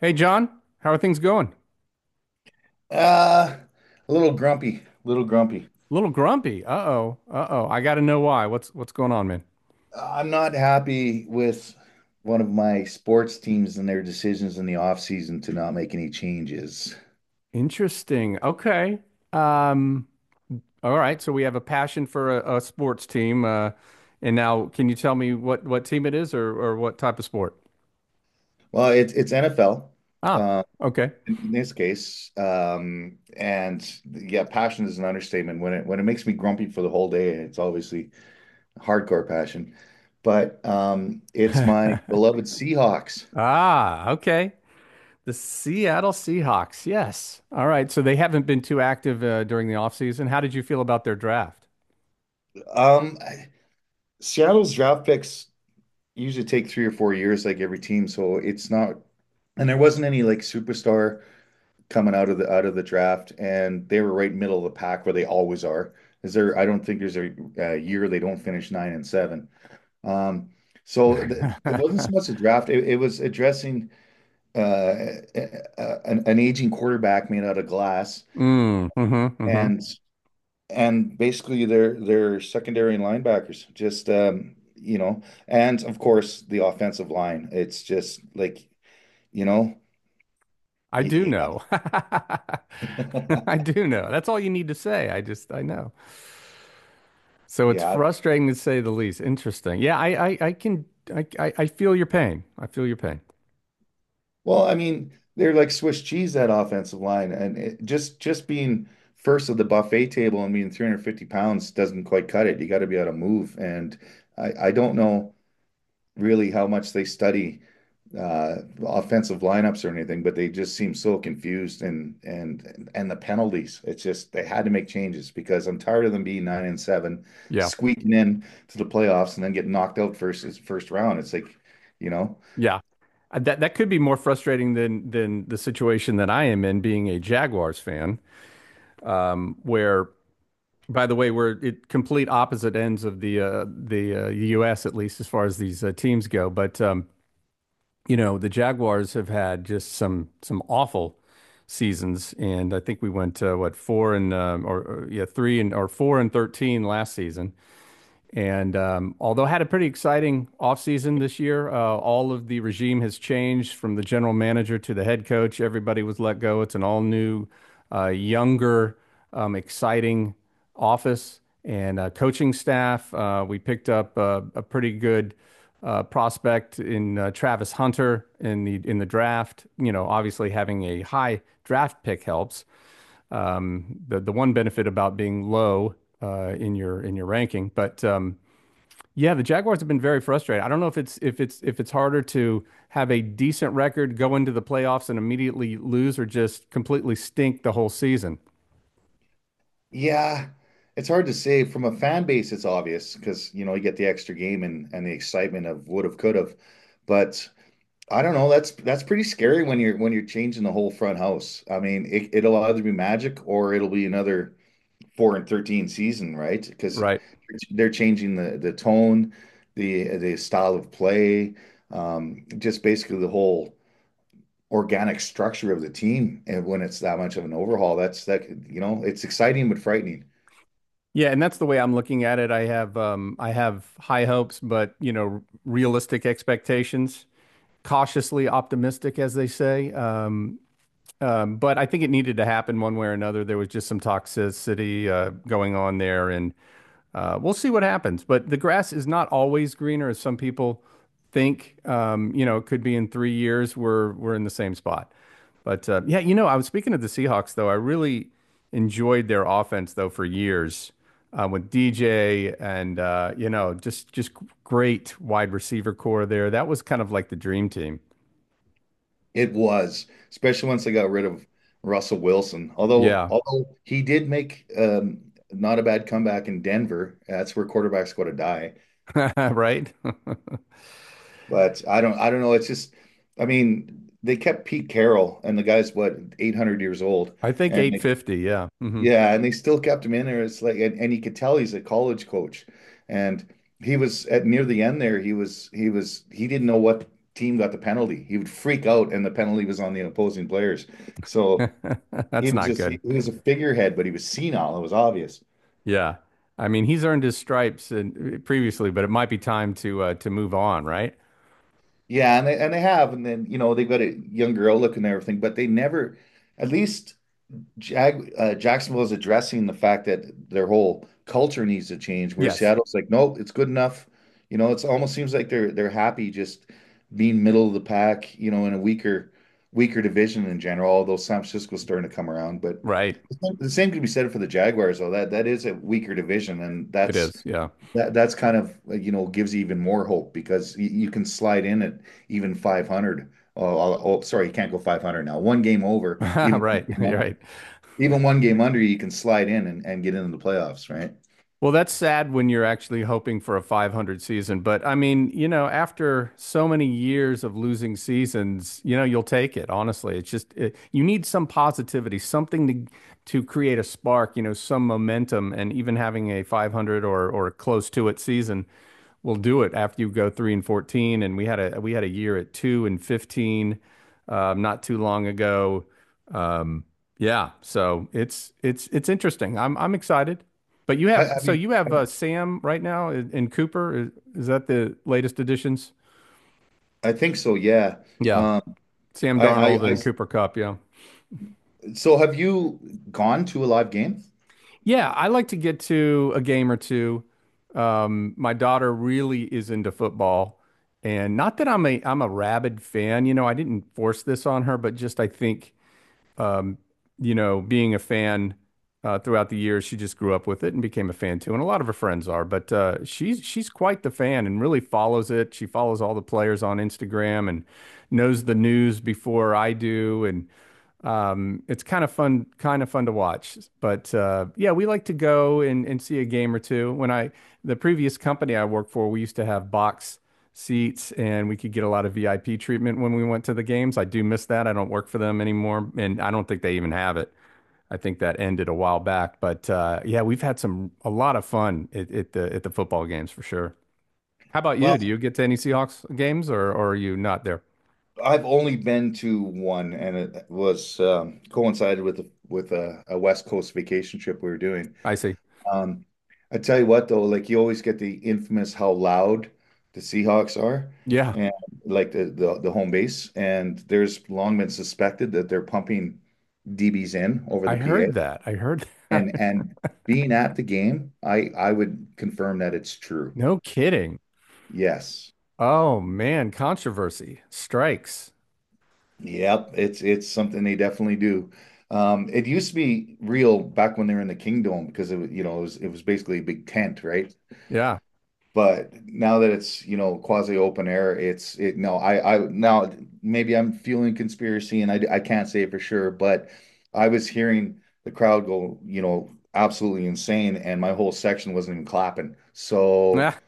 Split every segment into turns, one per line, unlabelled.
Hey John, how are things going?
Uh, a little grumpy, little grumpy.
A little grumpy. Uh-oh. Uh-oh. I got to know why. What's going on, man?
I'm not happy with one of my sports teams and their decisions in the offseason to not make any changes.
Interesting. Okay. Um, all right. So we have a passion for a sports team. And now can you tell me what team it is or what type of sport?
Well, it's NFL,
Ah,
uh,
okay.
in this case. And yeah, passion is an understatement. When it makes me grumpy for the whole day, it's obviously hardcore passion. But it's my beloved Seahawks.
Ah, okay. The Seattle Seahawks. Yes. All right. So they haven't been too active during the offseason. How did you feel about their draft?
Um, Seattle's draft picks usually take 3 or 4 years, like every team. So it's not, and there wasn't any like superstar coming out of the draft, and they were right middle of the pack where they always are. Is there? I don't think there's a year they don't finish 9-7. Um, so th it wasn't so much a draft. It was addressing uh, a, an aging quarterback made out of glass
Mm, mm-hmm, mm-hmm.
and basically they're secondary linebackers. Just and of course the offensive line. It's just like, you know,
I do
y-
know.
y-
I do know. That's all you need to say. I just, I know. So it's
yeah.
frustrating to say the least. Interesting. Yeah, I can I feel your pain. I feel your pain.
Well, I mean, they're like Swiss cheese that offensive line, and just being first of the buffet table and being 350 pounds doesn't quite cut it. You got to be able to move, and I don't know. Really how much they study uh, offensive lineups or anything, but they just seem so confused and the penalties. It's just they had to make changes because I'm tired of them being 9-7,
Yeah.
squeaking in to the playoffs and then getting knocked out first round. It's like, you know,
Yeah. That could be more frustrating than the situation that I am in, being a Jaguars fan. Where, by the way, we're at complete opposite ends of the U.S., at least as far as these teams go. But the Jaguars have had just some awful seasons, and I think we went what, four and or yeah, three and or 4-13 last season, and although had a pretty exciting offseason this year. All of the regime has changed from the general manager to the head coach. Everybody was let go. It's an all new, younger, exciting office and coaching staff. We picked up a pretty good prospect in Travis Hunter in the draft. You know, obviously having a high draft pick helps. The one benefit about being low in your ranking. But yeah, the Jaguars have been very frustrated. I don't know if it's harder to have a decent record, go into the playoffs and immediately lose, or just completely stink the whole season.
yeah, it's hard to say from a fan base. It's obvious because you know you get the extra game and the excitement of would have could have, but I don't know. That's pretty scary when you're changing the whole front house. I mean, it'll either be magic or it'll be another 4-13 season, right? Because
Right.
they're changing the tone, the style of play, just basically the whole organic structure of the team. And when it's that much of an overhaul, it's exciting but frightening.
Yeah, and that's the way I'm looking at it. I have high hopes, but you know, realistic expectations, cautiously optimistic, as they say. But I think it needed to happen one way or another. There was just some toxicity going on there, and we'll see what happens. But the grass is not always greener, as some people think. It could be in 3 years we're in the same spot. But yeah, I was speaking of the Seahawks, though. I really enjoyed their offense though, for years with DJ, and just great wide receiver core there. That was kind of like the dream team.
It was, especially once they got rid of Russell Wilson. Although,
Yeah,
although he did make not a bad comeback in Denver. That's where quarterbacks go to die.
right.
But I don't know. It's just, I mean, they kept Pete Carroll, and the guy's what 800 years old,
I think
and they,
850. Yeah. Hmm.
yeah, and they still kept him in there. It's like, and you could tell he's a college coach, and he was at near the end there. He didn't know what team got the penalty. He would freak out, and the penalty was on the opposing players. So
That's not
He
good.
was a figurehead, but he was senile. It was obvious.
Yeah. I mean, he's earned his stripes and previously, but it might be time to move on, right?
Yeah, and they have, and then you know they've got a young girl looking and everything, but they never, at least Jag Jacksonville is addressing the fact that their whole culture needs to change. Where
Yes.
Seattle's like, nope, it's good enough. You know, it's almost seems like they're happy just being middle of the pack. You know, in a weaker division in general. Although San Francisco's starting to come around, but
Right.
the same could be said for the Jaguars, though. That is a weaker division, and
It
that's
is. Yeah.
That that's kind of like, you know, gives you even more hope because you can slide in at even 500. Oh, sorry, you can't go 500 now. One game over, even one
Right.
game
You're
up,
right.
even one game under, you can slide in and get into the playoffs, right?
Well, that's sad when you're actually hoping for a .500 season, but I mean, after so many years of losing seasons, you'll take it. Honestly, it's just it, you need some positivity, something to create a spark, some momentum, and even having a .500 or close to it season will do it after you go 3-14. And we had a year at 2-15, not too long ago. Um, yeah, so it's interesting. I'm excited. But you have,
I
so
mean,
you
I,
have, Sam right now, in Cooper. Is that the latest additions?
I think so. Yeah.
Yeah,
Um,
Sam
I I,
Darnold
I,
and Cooper Cup. Yeah.
so have you gone to a live game?
Yeah, I like to get to a game or two. My daughter really is into football, and not that I'm a rabid fan. You know, I didn't force this on her, but just I think, being a fan throughout the years, she just grew up with it and became a fan too. And a lot of her friends are, but she's quite the fan and really follows it. She follows all the players on Instagram and knows the news before I do, and it's kind of fun to watch. But yeah, we like to go and see a game or two. The previous company I worked for, we used to have box seats and we could get a lot of VIP treatment when we went to the games. I do miss that. I don't work for them anymore, and I don't think they even have it. I think that ended a while back. But yeah, we've had some a lot of fun at the football games, for sure. How about you? Do
Well,
you get to any Seahawks games, or are you not there?
I've only been to one, and it was coincided with with a West Coast vacation trip we were doing.
I see.
Um, I tell you what, though, like you always get the infamous how loud the Seahawks are
Yeah,
and like the home base. And there's long been suspected that they're pumping DBs in over
I
the PA.
heard that. I heard that.
And being at the game, I would confirm that it's true.
No kidding.
Yes.
Oh man, controversy strikes.
Yep. It's something they definitely do. It used to be real back when they were in the Kingdom because it was, it was basically a big tent, right?
Yeah.
But now that it's, quasi open air, it's it no, I now maybe I'm fueling conspiracy and I can't say for sure, but I was hearing the crowd go, absolutely insane and my whole section wasn't even clapping. So
Yeah.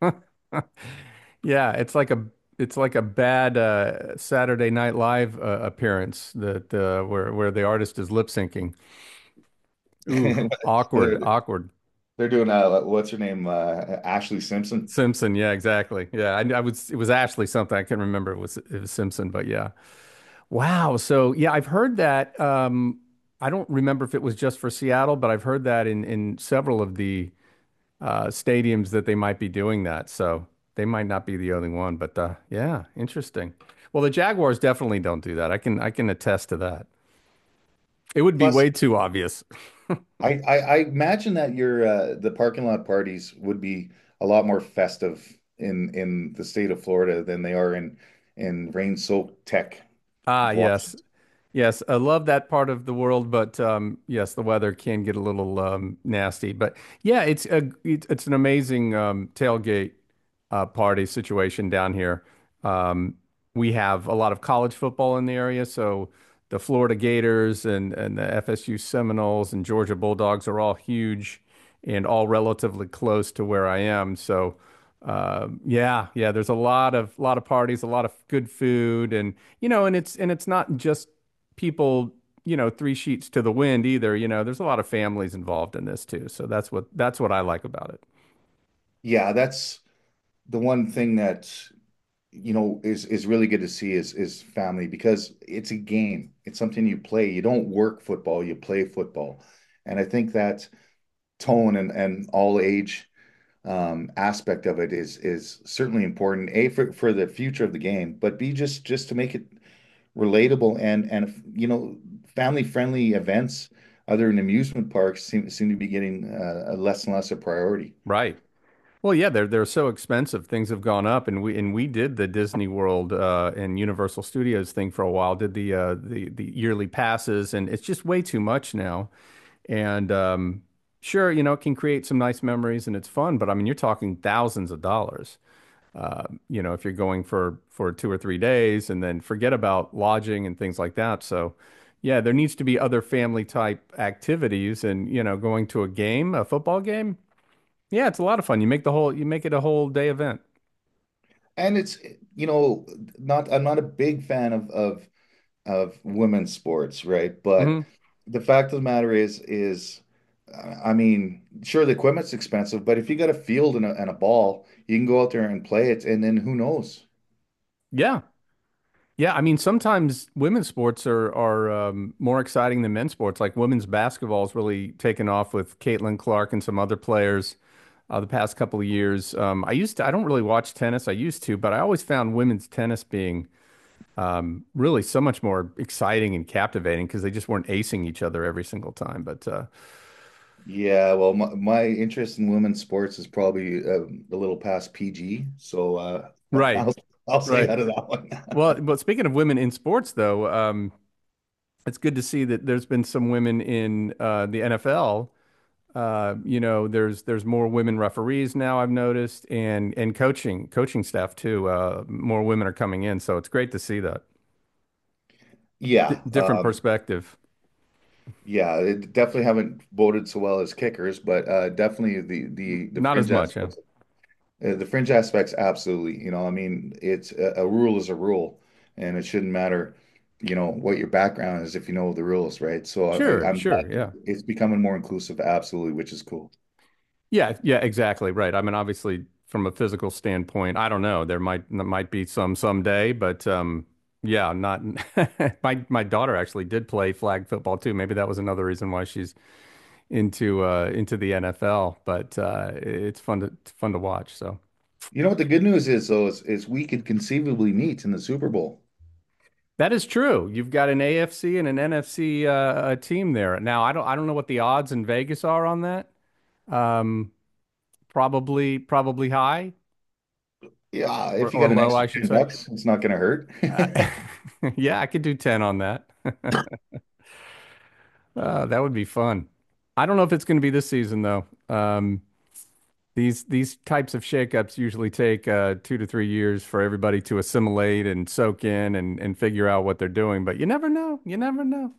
Yeah, it's like a bad Saturday Night Live appearance that where the artist is lip syncing. Ooh, awkward,
they're
awkward.
they're doing what's her name? Ashley Simpson.
Simpson, yeah, exactly. Yeah, I was it was Ashley something. I can not remember, it was Simpson, but yeah. Wow. So yeah, I've heard that. I don't remember if it was just for Seattle, but I've heard that in several of the stadiums that they might be doing that. So they might not be the only one, but yeah, interesting. Well, the Jaguars definitely don't do that. I can attest to that. It would be
Plus
way too obvious.
I imagine that your the parking lot parties would be a lot more festive in the state of Florida than they are in rain-soaked tech.
Ah, yes.
Washington.
Yes, I love that part of the world, but yes, the weather can get a little nasty. But yeah, it's an amazing tailgate party situation down here. Um, we have a lot of college football in the area, so the Florida Gators and the FSU Seminoles and Georgia Bulldogs are all huge and all relatively close to where I am. So yeah, yeah, there's a lot of parties, a lot of good food, and it's not just people, three sheets to the wind, either. You know, there's a lot of families involved in this too. So that's what I like about it.
Yeah, that's the one thing that you know is really good to see is family because it's a game. It's something you play. You don't work football, you play football. And I think that tone and all age aspect of it is certainly important. A for the future of the game, but B just to make it relatable and you know family friendly events other than amusement parks seem to be getting less and less a priority.
Right. Well, yeah, they're so expensive. Things have gone up, and we did the Disney World and Universal Studios thing for a while. Did the yearly passes, and it's just way too much now. And sure, it can create some nice memories and it's fun, but I mean, you're talking thousands of dollars. If you're going for 2 or 3 days and then forget about lodging and things like that. So, yeah, there needs to be other family type activities and, going to a game, a football game. Yeah, it's a lot of fun. You make it a whole day event.
And it's, you know, not I'm not a big fan of women's sports, right? But
Hmm.
the fact of the matter is, I mean, sure the equipment's expensive, but if you got a field and and a ball, you can go out there and play it, and then who knows?
Yeah. Yeah, I mean, sometimes women's sports are more exciting than men's sports. Like women's basketball's really taken off with Caitlin Clark and some other players the past couple of years. I don't really watch tennis. I used to, but I always found women's tennis being really so much more exciting and captivating, because they just weren't acing each other every single time. But
Yeah, well, my interest in women's sports is probably a little past PG, so
right,
I'll I'll stay
right.
out of that one.
Well, but speaking of women in sports, though, it's good to see that there's been some women in the NFL. There's more women referees now, I've noticed, and coaching staff too. More women are coming in, so it's great to see that
Yeah,
different perspective.
yeah, they definitely haven't voted so well as kickers, but definitely the the the
Not as
fringe
much, yeah.
aspects, uh, the fringe aspects, absolutely. You know, I mean, it's a rule is a rule, and it shouldn't matter, what your background is if you know the rules, right? So
Sure,
I'm
sure,
glad
yeah.
it's becoming more inclusive, absolutely, which is cool.
Yeah, yeah, exactly. Right. I mean, obviously, from a physical standpoint, I don't know. There might be some someday, but yeah, not. My daughter actually did play flag football too. Maybe that was another reason why she's into the NFL. But it's fun to watch. So
You know what the good news is though is, we could conceivably meet in the Super Bowl.
that is true. You've got an AFC and an NFC, a team there. Now, I don't know what the odds in Vegas are on that. Um, probably high,
Yeah, if you
or
got an
low,
extra
I should
10
say.
bucks, it's not going to
Uh,
hurt.
yeah, I could do 10 on that. That would be fun. I don't know if it's going to be this season though. These types of shakeups usually take 2 to 3 years for everybody to assimilate and soak in and figure out what they're doing. But you never know. You never know.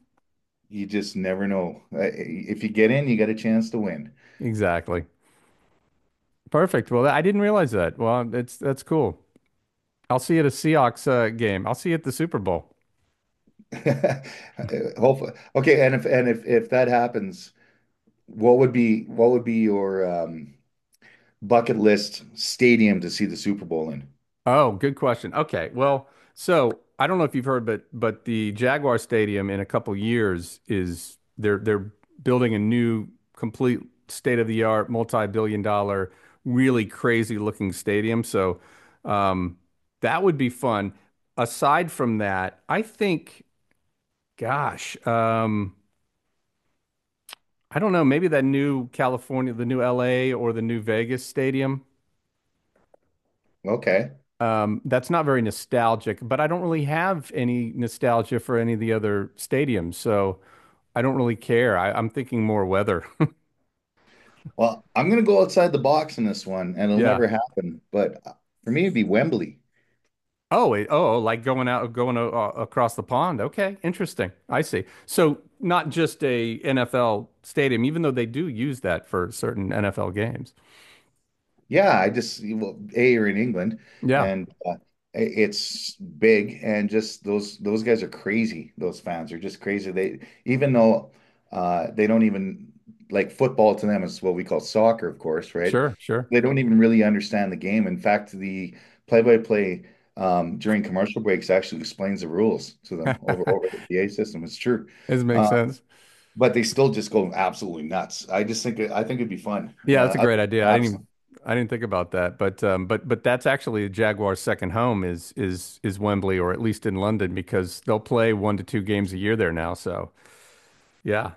You just never know. If you get in, you got a chance to win.
Exactly. Perfect. Well, I didn't realize that. Well, it's that's cool. I'll see you at a Seahawks game. I'll see you at the Super Bowl.
Hopefully. Okay, and if that happens, what would be your bucket list stadium to see the Super Bowl in?
Oh, good question. Okay. Well, so I don't know if you've heard, but the Jaguar Stadium, in a couple years, is they're building a new, complete, state-of-the-art, multi-billion dollar, really crazy looking stadium. So um that would be fun. Aside from that, I think, gosh, I don't know, maybe that new California, the new LA, or the new Vegas stadium.
Okay.
That's not very nostalgic, but I don't really have any nostalgia for any of the other stadiums, so I don't really care. I'm thinking more weather.
Well, I'm gonna go outside the box in this one, and it'll
Yeah.
never happen. But for me, it'd be Wembley.
Oh, like going going across the pond. Okay, interesting. I see. So not just a NFL stadium, even though they do use that for certain NFL games.
Yeah, I just well, A, you're in England,
Yeah,
and it's big, and just those guys are crazy. Those fans are just crazy. They Even though they don't even, like, football to them is what we call soccer, of course, right?
sure, sure.
They don't even really understand the game. In fact, the play-by-play, during commercial breaks actually explains the rules to them over over the PA system. It's true,
This makes
uh,
sense.
but they still just go absolutely nuts. I think it'd be fun.
Yeah, that's a great idea.
Absolutely.
I didn't think about that, but but that's actually Jaguar's second home, is Wembley, or at least in London, because they'll play one to two games a year there now. So yeah,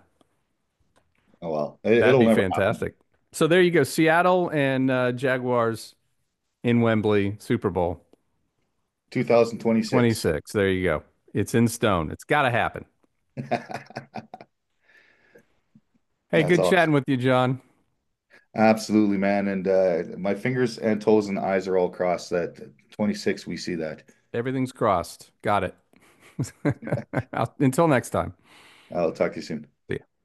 Oh well,
that'd
it'll
be
never happen.
fantastic. So there you go, Seattle and Jaguars in Wembley, Super Bowl
2026.
26. There you go. It's in stone. It's got to happen.
That's
Hey, good chatting
awesome.
with you, John.
Absolutely, man. And my fingers and toes and eyes are all crossed that 26 we see that.
Everything's crossed. Got it. Until next time.
I'll talk to you soon.
See ya.